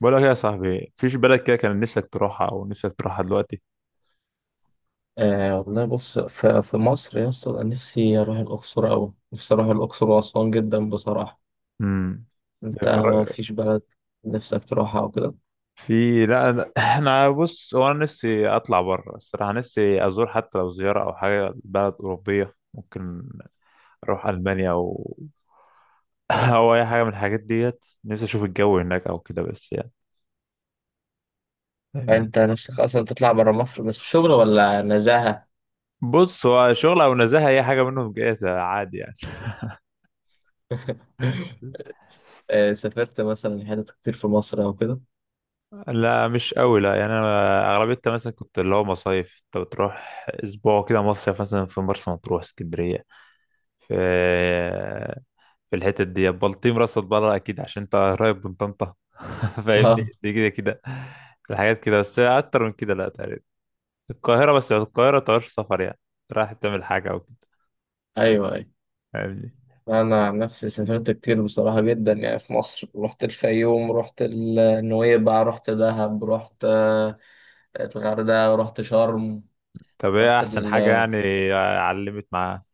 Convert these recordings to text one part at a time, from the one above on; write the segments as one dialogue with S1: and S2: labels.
S1: بقول لك إيه يا صاحبي، فيش بلد كده كان نفسك تروحها او نفسك تروحها دلوقتي؟
S2: آه والله بص في مصر يا اسطى، أنا نفسي أروح الأقصر أوي. نفسي أروح الأقصر وأسوان جدا بصراحة.
S1: امم
S2: أنت
S1: اتفرج-
S2: مفيش بلد نفسك تروحها أو كده؟
S1: في لا لا انا، بص، هو انا نفسي اطلع بره الصراحه. نفسي ازور، حتى لو زياره او حاجه، بلد اوروبيه. ممكن اروح المانيا او او اي حاجه من الحاجات ديت. نفسي اشوف الجو هناك او كده، بس يعني
S2: يعني
S1: فاهمني.
S2: أنت نفسك أصلا تطلع برا مصر؟ بس شغل ولا نزاهة؟
S1: بص، هو شغل او نزاهه، اي حاجه منهم جايه عادي يعني.
S2: آه سافرت مثلا حتت كتير في مصر أو كده؟
S1: لا مش قوي، لا. يعني انا اغلبيتها مثلا كنت اللي هو مصايف، انت بتروح اسبوع كده مصيف، مثلا في مرسى مطروح، اسكندريه، في في الحتت دي، بلطيم، راس البر اكيد عشان انت قريب من طنطا. فاهمني،
S2: آه.
S1: دي كده كده الحاجات كده. بس اكتر من كده لا، تقريبا القاهره بس. القاهره تعرفش سفر، يعني رايح تعمل حاجه او كده.
S2: أيوه.
S1: فاهمني؟
S2: أنا عن نفسي سافرت كتير بصراحة جدا يعني. في مصر رحت الفيوم، رحت النويبع، رحت دهب، رحت الغردقة، رحت شرم،
S1: طب ايه
S2: رحت
S1: احسن
S2: ال
S1: حاجه يعني علمت معاه؟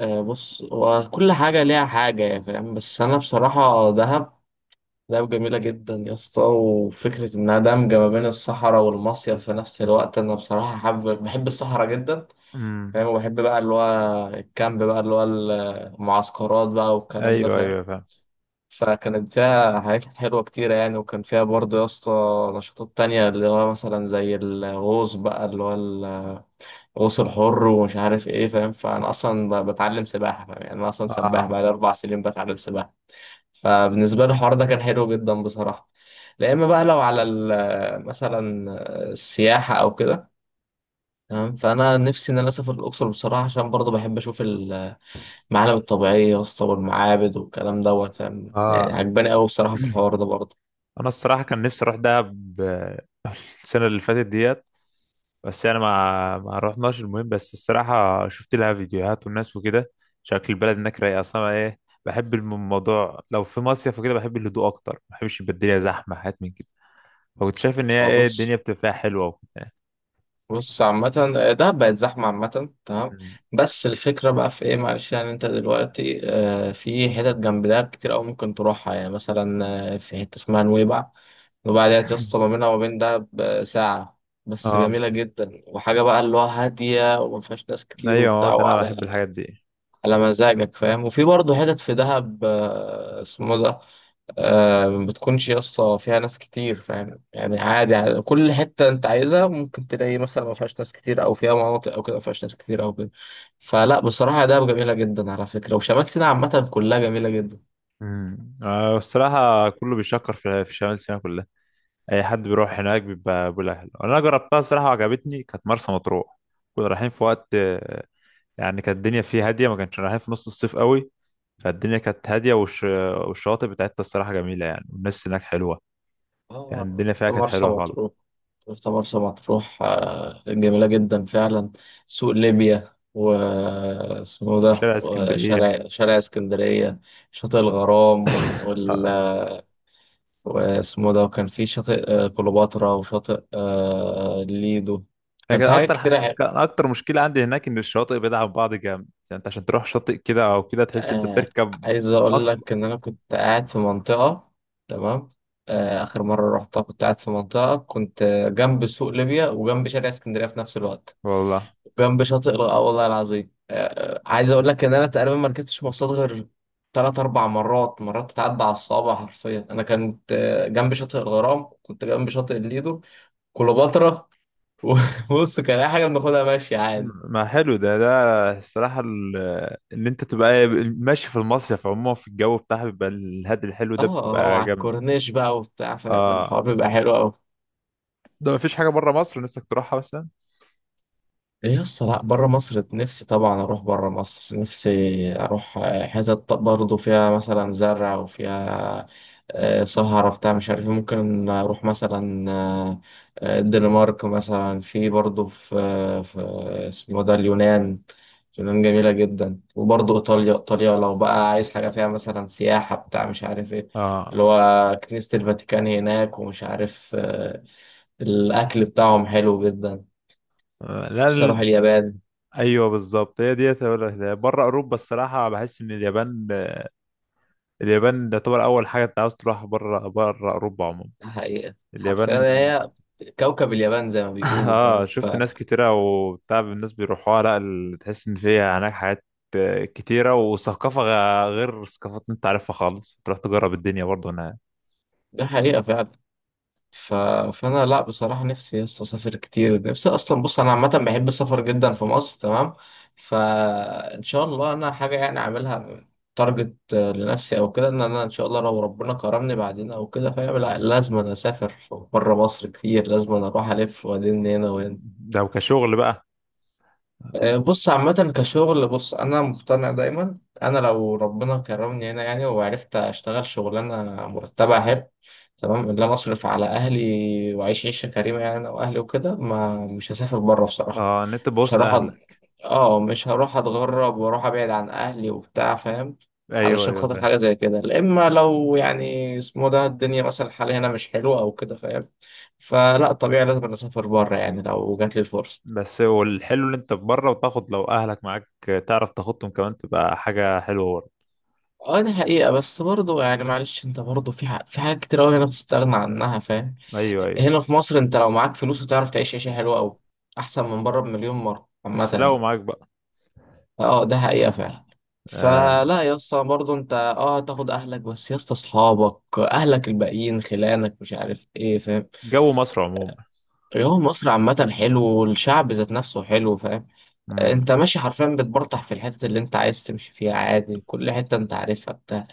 S2: آه، بص، هو كل حاجة ليها حاجة يا فاهم، بس أنا بصراحة دهب، جميلة جدا يا اسطى. وفكرة إنها دمجة ما بين الصحراء والمصيف في نفس الوقت. أنا بصراحة حابب، بحب الصحراء جدا
S1: امم.
S2: فاهم. وبحب بقى اللي هو الكامب بقى، اللي هو المعسكرات بقى والكلام ده
S1: ايوه،
S2: فاهم.
S1: ايوه فاهم.
S2: فكانت فيها حاجات حلوة كتيرة يعني، وكان فيها برضه يا اسطى نشاطات تانية، اللي هو مثلا زي الغوص بقى، اللي هو غوص حر ومش عارف ايه فاهم. فانا اصلا بتعلم سباحه فاهم. يعني انا اصلا سباح
S1: اه.
S2: بقى لي 4 سنين بتعلم سباحه. فبالنسبه لي الحوار ده كان حلو جدا بصراحه. لا اما بقى لو على مثلا السياحه او كده، تمام، فانا نفسي ان انا اسافر الاقصر بصراحه، عشان برضه بحب اشوف المعالم الطبيعيه يا اسطى، والمعابد والكلام دوت فاهم. يعني
S1: اه.
S2: عجباني قوي بصراحه في الحوار ده برضه.
S1: انا الصراحه كان نفسي اروح دهب آه، السنه اللي فاتت ديت، بس انا ما رحناش. المهم، بس الصراحه شفت لها فيديوهات والناس وكده. شكل البلد هناك رايق اصلا. ايه، بحب الموضوع لو في مصيف وكده بحب الهدوء اكتر، ما بحبش يبقى الدنيا زحمه حاجات من كده. فكنت شايف ان هي
S2: هو
S1: ايه،
S2: بص،
S1: الدنيا بتبقى فيها حلوه وكده.
S2: عامة دهب بقت زحمة عامة، تمام،
S1: مم.
S2: بس الفكرة بقى في ايه، معلش يعني، انت دلوقتي في حتت جنب دهب كتير أوي ممكن تروحها. يعني مثلا في حتة اسمها نويبع. نويبع ديت يا اسطى ما بينها وما بين دهب ساعة، بس
S1: اه،
S2: جميلة جدا. وحاجة بقى اللي هو هادية وما فيهاش ناس كتير
S1: ايوه، هو
S2: وبتاع،
S1: ده، انا بحب
S2: وعلى
S1: الحاجات دي.
S2: مزاجك فاهم. وفي برضه حتت في دهب اسمه ده، آه، ما بتكونش يا اسطى فيها ناس كتير فاهم. يعني عادي يعني، كل حتة انت عايزها ممكن تلاقي، مثلا ما فيهاش ناس كتير، او فيها مناطق او كده ما فيهاش ناس كتير او كده. فلا بصراحة ده جميلة جدا على فكرة، وشمال سيناء عامة كلها جميلة جدا.
S1: امم. الصراحه كله بيشكر في شمال سيناء كلها. اي حد بيروح هناك بيبقى بالاهل. انا جربتها الصراحه وعجبتني، كانت مرسى مطروح. كنا رايحين في وقت آه، يعني كانت الدنيا فيه هاديه، ما كانش رايحين في نص الصيف قوي. فالدنيا كانت هاديه، والشواطئ بتاعتها الصراحه جميله يعني، والناس هناك حلوه. يعني
S2: اه
S1: الدنيا فيها
S2: رحت
S1: كانت
S2: مرسى
S1: حلوه خالص.
S2: مطروح. جميلة جدا فعلا. سوق ليبيا، و اسمه ده،
S1: وشارع اسكندريه.
S2: وشارع اسكندرية، شاطئ الغرام، وال واسمه ده وكان في شاطئ كليوباترا، وشاطئ ليدو. كان
S1: لكن
S2: في حاجات كتير
S1: كان اكتر مشكله عندي هناك ان الشواطئ بعيده عن بعض جامد. يعني انت عشان تروح شاطئ كده او كده تحس انت
S2: آه،
S1: بتركب
S2: عايز اقول لك
S1: اصلا.
S2: ان انا كنت قاعد في منطقة، تمام، اخر مرة رحتها كنت قاعد في منطقة، كنت جنب سوق ليبيا وجنب شارع اسكندرية في نفس الوقت،
S1: والله.
S2: وجنب اه والله العظيم عايز اقول لك ان انا تقريبا ما ركبتش مواصلات غير تلات أربع مرات. مرات تتعدى على الصوابع حرفيا. أنا كنت جنب شاطئ الغرام، كنت جنب شاطئ الليدو، كليوباترا. بص كان اي حاجه بناخدها ماشي عادي.
S1: ما حلو ده، ده الصراحة ان انت تبقى ماشي في المصيف. عموما في الجو بتاعها بيبقى الهاد الحلو ده،
S2: اه، اه
S1: بتبقى
S2: على
S1: جامد.
S2: الكورنيش بقى وبتاع فاهم،
S1: اه.
S2: الحوار بيبقى حلو قوي.
S1: ده مفيش حاجة بره مصر نفسك تروحها مثلا؟
S2: إيه يا اسطى، لا بره مصر نفسي طبعا. اروح بره مصر نفسي اروح حتت برضه فيها مثلا زرع وفيها سهرة بتاع مش عارف إيه. ممكن اروح مثلا الدنمارك مثلا. في برضه في اسمه ده اليونان. اليونان جميلة جدا. وبرضه ايطاليا، ايطاليا لو بقى عايز حاجة فيها مثلا سياحة بتاع مش عارف ايه،
S1: اه.
S2: اللي هو كنيسة الفاتيكان هناك، ومش عارف الأكل بتاعهم حلو جدا.
S1: آه، لا
S2: بس أروح
S1: ال-
S2: اليابان.
S1: ايوه بالظبط، هي ديت هقول لك ده. بره اوروبا الصراحة بحس ان اليابان، اليابان تعتبر اول حاجة انت عاوز تروحها بره، بره اوروبا عموما.
S2: حقيقة حرفيا
S1: اليابان.
S2: هي كوكب اليابان زي ما بيقولوا فاهم.
S1: اه، شفت
S2: فده
S1: ناس كتيرة وبتاع الناس بيروحوها. لا ال- تحس ان فيها هناك حاجات آه، كتيرة، وثقافة غير ثقافات انت عارفها خالص. تروح تجرب الدنيا برضو. انا
S2: حقيقة فعلا. ف... فأنا لا بصراحة نفسي يس أسافر كتير. نفسي أصلا، بص أنا عامة بحب السفر جدا في مصر، تمام، فإن شاء الله أنا حاجة يعني أعملها تارجت لنفسي أو كده، إن أنا إن شاء الله لو ربنا كرمني بعدين أو كده فاهم، لا لازم أنا أسافر بره مصر كتير. لازم أنا أروح ألف وأدين هنا وهنا.
S1: لو كشغل بقى.
S2: بص عامة كشغل، بص أنا مقتنع دايما، أنا لو ربنا كرمني هنا يعني وعرفت أشتغل شغلانة مرتبة حلو، تمام، اللي أنا أصرف على أهلي وأعيش عيشة كريمة، يعني أنا وأهلي وكده، ما مش هسافر بره بصراحة.
S1: اه، ان انت
S2: مش
S1: بوسط
S2: هروح أد...
S1: اهلك.
S2: آه مش هروح أتغرب وأروح أبعد عن أهلي وبتاع فاهم،
S1: ايوه،
S2: علشان
S1: ايوه
S2: خاطر
S1: فاهم.
S2: حاجة زي كده، لا. إما لو يعني اسمه ده الدنيا مثلا الحالية هنا مش حلوة أو كده فاهم، فلا طبيعي لازم أسافر بره يعني لو جات لي الفرصة.
S1: بس هو الحلو ان انت بره وتاخد لو اهلك معاك آه، تعرف تاخدهم كمان، تبقى حاجة حلوة برضه.
S2: اه دي حقيقة، بس برضه يعني معلش انت برضه في في حاجات كتير اوي هنا بتستغنى عنها فاهم.
S1: ايوه، ايوه.
S2: هنا في مصر انت لو معاك فلوس هتعرف تعيش عيشة حلوة اوي، احسن من بره بمليون مرة عامة
S1: بس لو
S2: يعني.
S1: معاك بقى.
S2: اه ده حقيقة فعلا.
S1: آه.
S2: فلا يا اسطى، برضه انت اه هتاخد اهلك، بس يا اسطى اصحابك، اهلك الباقيين، خلانك مش عارف ايه فاهم.
S1: جو مصر عموما.
S2: هو مصر عامة حلو، والشعب ذات نفسه حلو فاهم.
S1: مم.
S2: انت ماشي حرفيا بتبرطح في الحتت اللي انت عايز تمشي فيها عادي، كل حتة انت عارفها بتاع.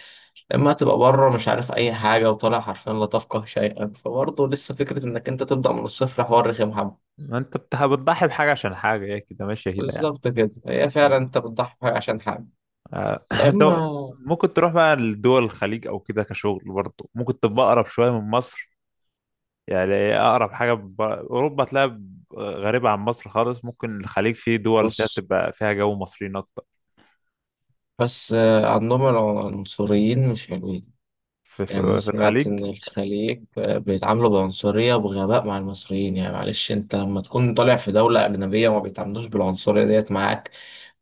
S2: لما تبقى بره مش عارف اي حاجه، وطالع حرفيا لا تفقه شيئا، فبرضه لسه فكره انك انت تبدا من الصفر، حوار رخم حبه.
S1: ما انت بتضحي بحاجة عشان حاجة، هي كده ماشية كده
S2: بالظبط كده، هي فعلا
S1: يعني.
S2: انت بتضحي بحاجة عشان حاجه.
S1: آه،
S2: لا
S1: انت
S2: اما
S1: ممكن تروح بقى لدول الخليج او كده كشغل برضه، ممكن تبقى اقرب شويه من مصر. يعني اقرب حاجه، اوروبا تلاقي غريبه عن مصر خالص. ممكن الخليج، فيه دول فيها
S2: بص،
S1: تبقى فيها جو مصريين اكتر.
S2: بس عندهم العنصريين مش حلوين.
S1: في,
S2: يعني أنا
S1: في, في
S2: سمعت
S1: الخليج.
S2: إن الخليج بيتعاملوا بعنصرية وبغباء مع المصريين. يعني معلش، أنت لما تكون طالع في دولة أجنبية وما بيتعاملوش بالعنصرية ديت معاك،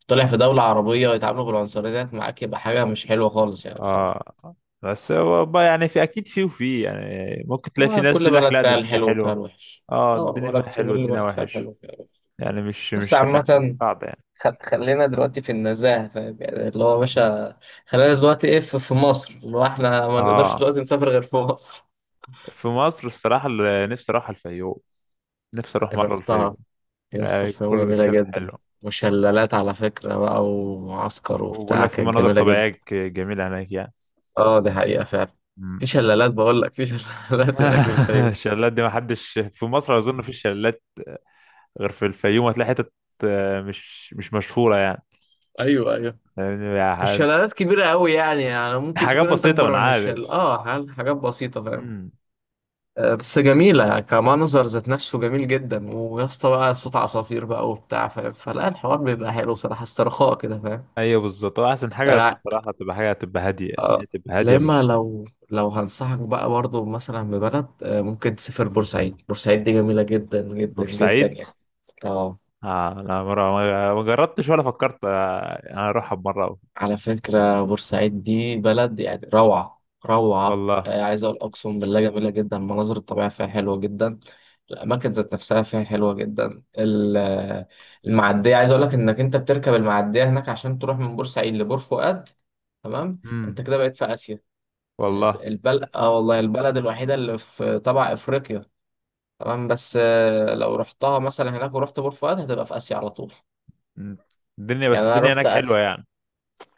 S2: طالع في دولة عربية ويتعاملوا بالعنصرية ديت معاك، يبقى حاجة مش حلوة خالص يعني بصراحة.
S1: آه. بس هو بقى يعني، في اكيد فيه وفيه. يعني ممكن تلاقي في
S2: هو
S1: ناس
S2: كل
S1: يقول لك
S2: بلد
S1: لا، ده
S2: فيها
S1: الدنيا
S2: الحلو وفيها
S1: حلوه.
S2: الوحش.
S1: اه،
S2: اه
S1: الدنيا
S2: بقول لك،
S1: فيها
S2: في
S1: حلوه،
S2: كل
S1: الدنيا
S2: بلد فيها الحلو
S1: وحش.
S2: وفيها الوحش.
S1: يعني مش،
S2: بس عامة
S1: صعب يعني.
S2: خلينا دلوقتي في النزاهة فاهم يعني، اللي هو يا باشا خلينا دلوقتي ايه، في مصر، اللي هو احنا ما نقدرش
S1: اه،
S2: دلوقتي نسافر غير في مصر.
S1: في مصر الصراحه اللي نفسي اروح الفيوم. نفسي اروح مره الفيوم.
S2: رحتها، يسر
S1: يعني
S2: في يوم
S1: كله
S2: جميلة
S1: بيتكلم حلو.
S2: جدا. وشلالات على فكرة بقى، ومعسكر
S1: وبقول
S2: وبتاع،
S1: لك في
S2: كانت
S1: مناظر
S2: جميلة
S1: طبيعية
S2: جدا.
S1: جميلة هناك يعني.
S2: اه دي حقيقة فعلا. في
S1: مم.
S2: شلالات بقول لك، في شلالات هناك في الفيوم.
S1: الشلالات دي ما حدش في مصر أظن في الشلالات غير في الفيوم. هتلاقي حتت آه، مش مشهورة يعني.
S2: ايوه.
S1: يعني
S2: مش شلالات كبيرة قوي يعني، يعني ممكن
S1: حاجات
S2: تكون انت
S1: بسيطة، ما أنا
S2: اكبر من
S1: عارف.
S2: الشلال اه، حاجات بسيطة فاهم.
S1: مم.
S2: بس جميلة كمنظر ذات نفسه، جميل جدا. ويا اسطى بقى صوت عصافير بقى وبتاع فاهم، فلا الحوار بيبقى حلو بصراحة، استرخاء كده فاهم.
S1: أيوه بالظبط، هو أحسن حاجة
S2: آه.
S1: الصراحة تبقى حاجة تبقى هادية. دي
S2: آه.
S1: تبقى هادية
S2: لما
S1: مش.
S2: لو لو هنصحك بقى برضه مثلا ببلد آه، ممكن تسافر بورسعيد. بورسعيد دي جميلة جدا جدا جدا
S1: بورسعيد؟
S2: يعني. اه
S1: آه أنا مرة ما جربتش ولا فكرت آه، أنا أروحها بمرة.
S2: على فكرة بورسعيد دي بلد يعني روعة روعة
S1: والله.
S2: عايز أقول، أقسم بالله جميلة جدا. المناظر الطبيعية فيها حلوة جدا، الأماكن ذات نفسها فيها حلوة جدا. المعدية، عايز أقول لك إنك أنت بتركب المعدية هناك عشان تروح من بورسعيد لبور فؤاد، تمام،
S1: مم.
S2: أنت كده بقيت في آسيا. يعني
S1: والله.
S2: البلد آه، والله البلد الوحيدة اللي في تبع أفريقيا، تمام، بس لو رحتها مثلا هناك ورحت بور فؤاد هتبقى في آسيا على طول.
S1: مم. الدنيا،
S2: يعني
S1: بس
S2: أنا
S1: الدنيا
S2: رحت
S1: هناك حلوة
S2: آسيا.
S1: يعني.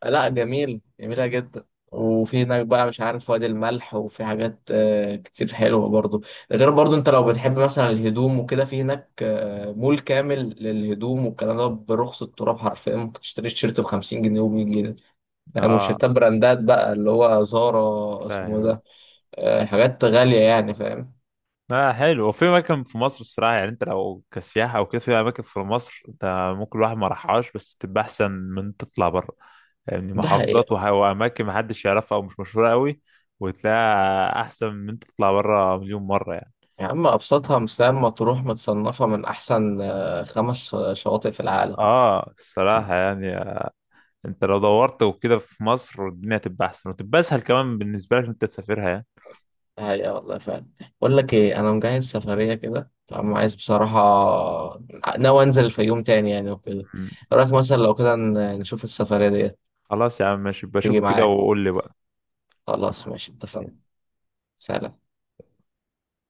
S2: لا جميل، جميلة جدا. وفي هناك بقى مش عارف وادي الملح، وفي حاجات كتير حلوة برضو. ده غير برضو انت لو بتحب مثلا الهدوم وكده، في هناك مول كامل للهدوم والكلام ده برخص التراب حرفيا، ممكن تشتري تيشيرت ب 50 جنيه و100 جنيه. يعني مش
S1: اه.
S2: تيشيرتات براندات بقى اللي هو زارا اسمه
S1: فاهم.
S2: ده، حاجات غالية يعني فاهم.
S1: اه حلو. وفي اماكن في مصر الصراحه، يعني انت لو كسياحه او كده، في اماكن في مصر انت ممكن الواحد ما راحهاش بس تبقى احسن من تطلع بره. يعني
S2: ده حقيقة.
S1: محافظات واماكن ما حدش يعرفها او مش مشهوره قوي، وتلاقيها احسن من انت تطلع بره 1000000 مره يعني.
S2: يا عم أبسطها مثال، مطروح متصنفة من أحسن 5 شواطئ في العالم.
S1: اه الصراحه يعني آه، انت لو دورت وكده في مصر، الدنيا تبقى احسن وتبقى اسهل كمان بالنسبه لك إن انت تسافرها يعني.
S2: هاي والله فعلا. بقول لك ايه، انا مجهز سفريه كده، فانا عايز بصراحه، ناوي انزل الفيوم تاني يعني وكده.
S1: مم.
S2: إيه رايك مثلا لو كده نشوف السفريه ديت؟
S1: خلاص يا عم، ماشي،
S2: تيجي
S1: بشوف كده
S2: معايا؟
S1: وقول لي بقى.
S2: خلاص ماشي اتفقنا. سلام.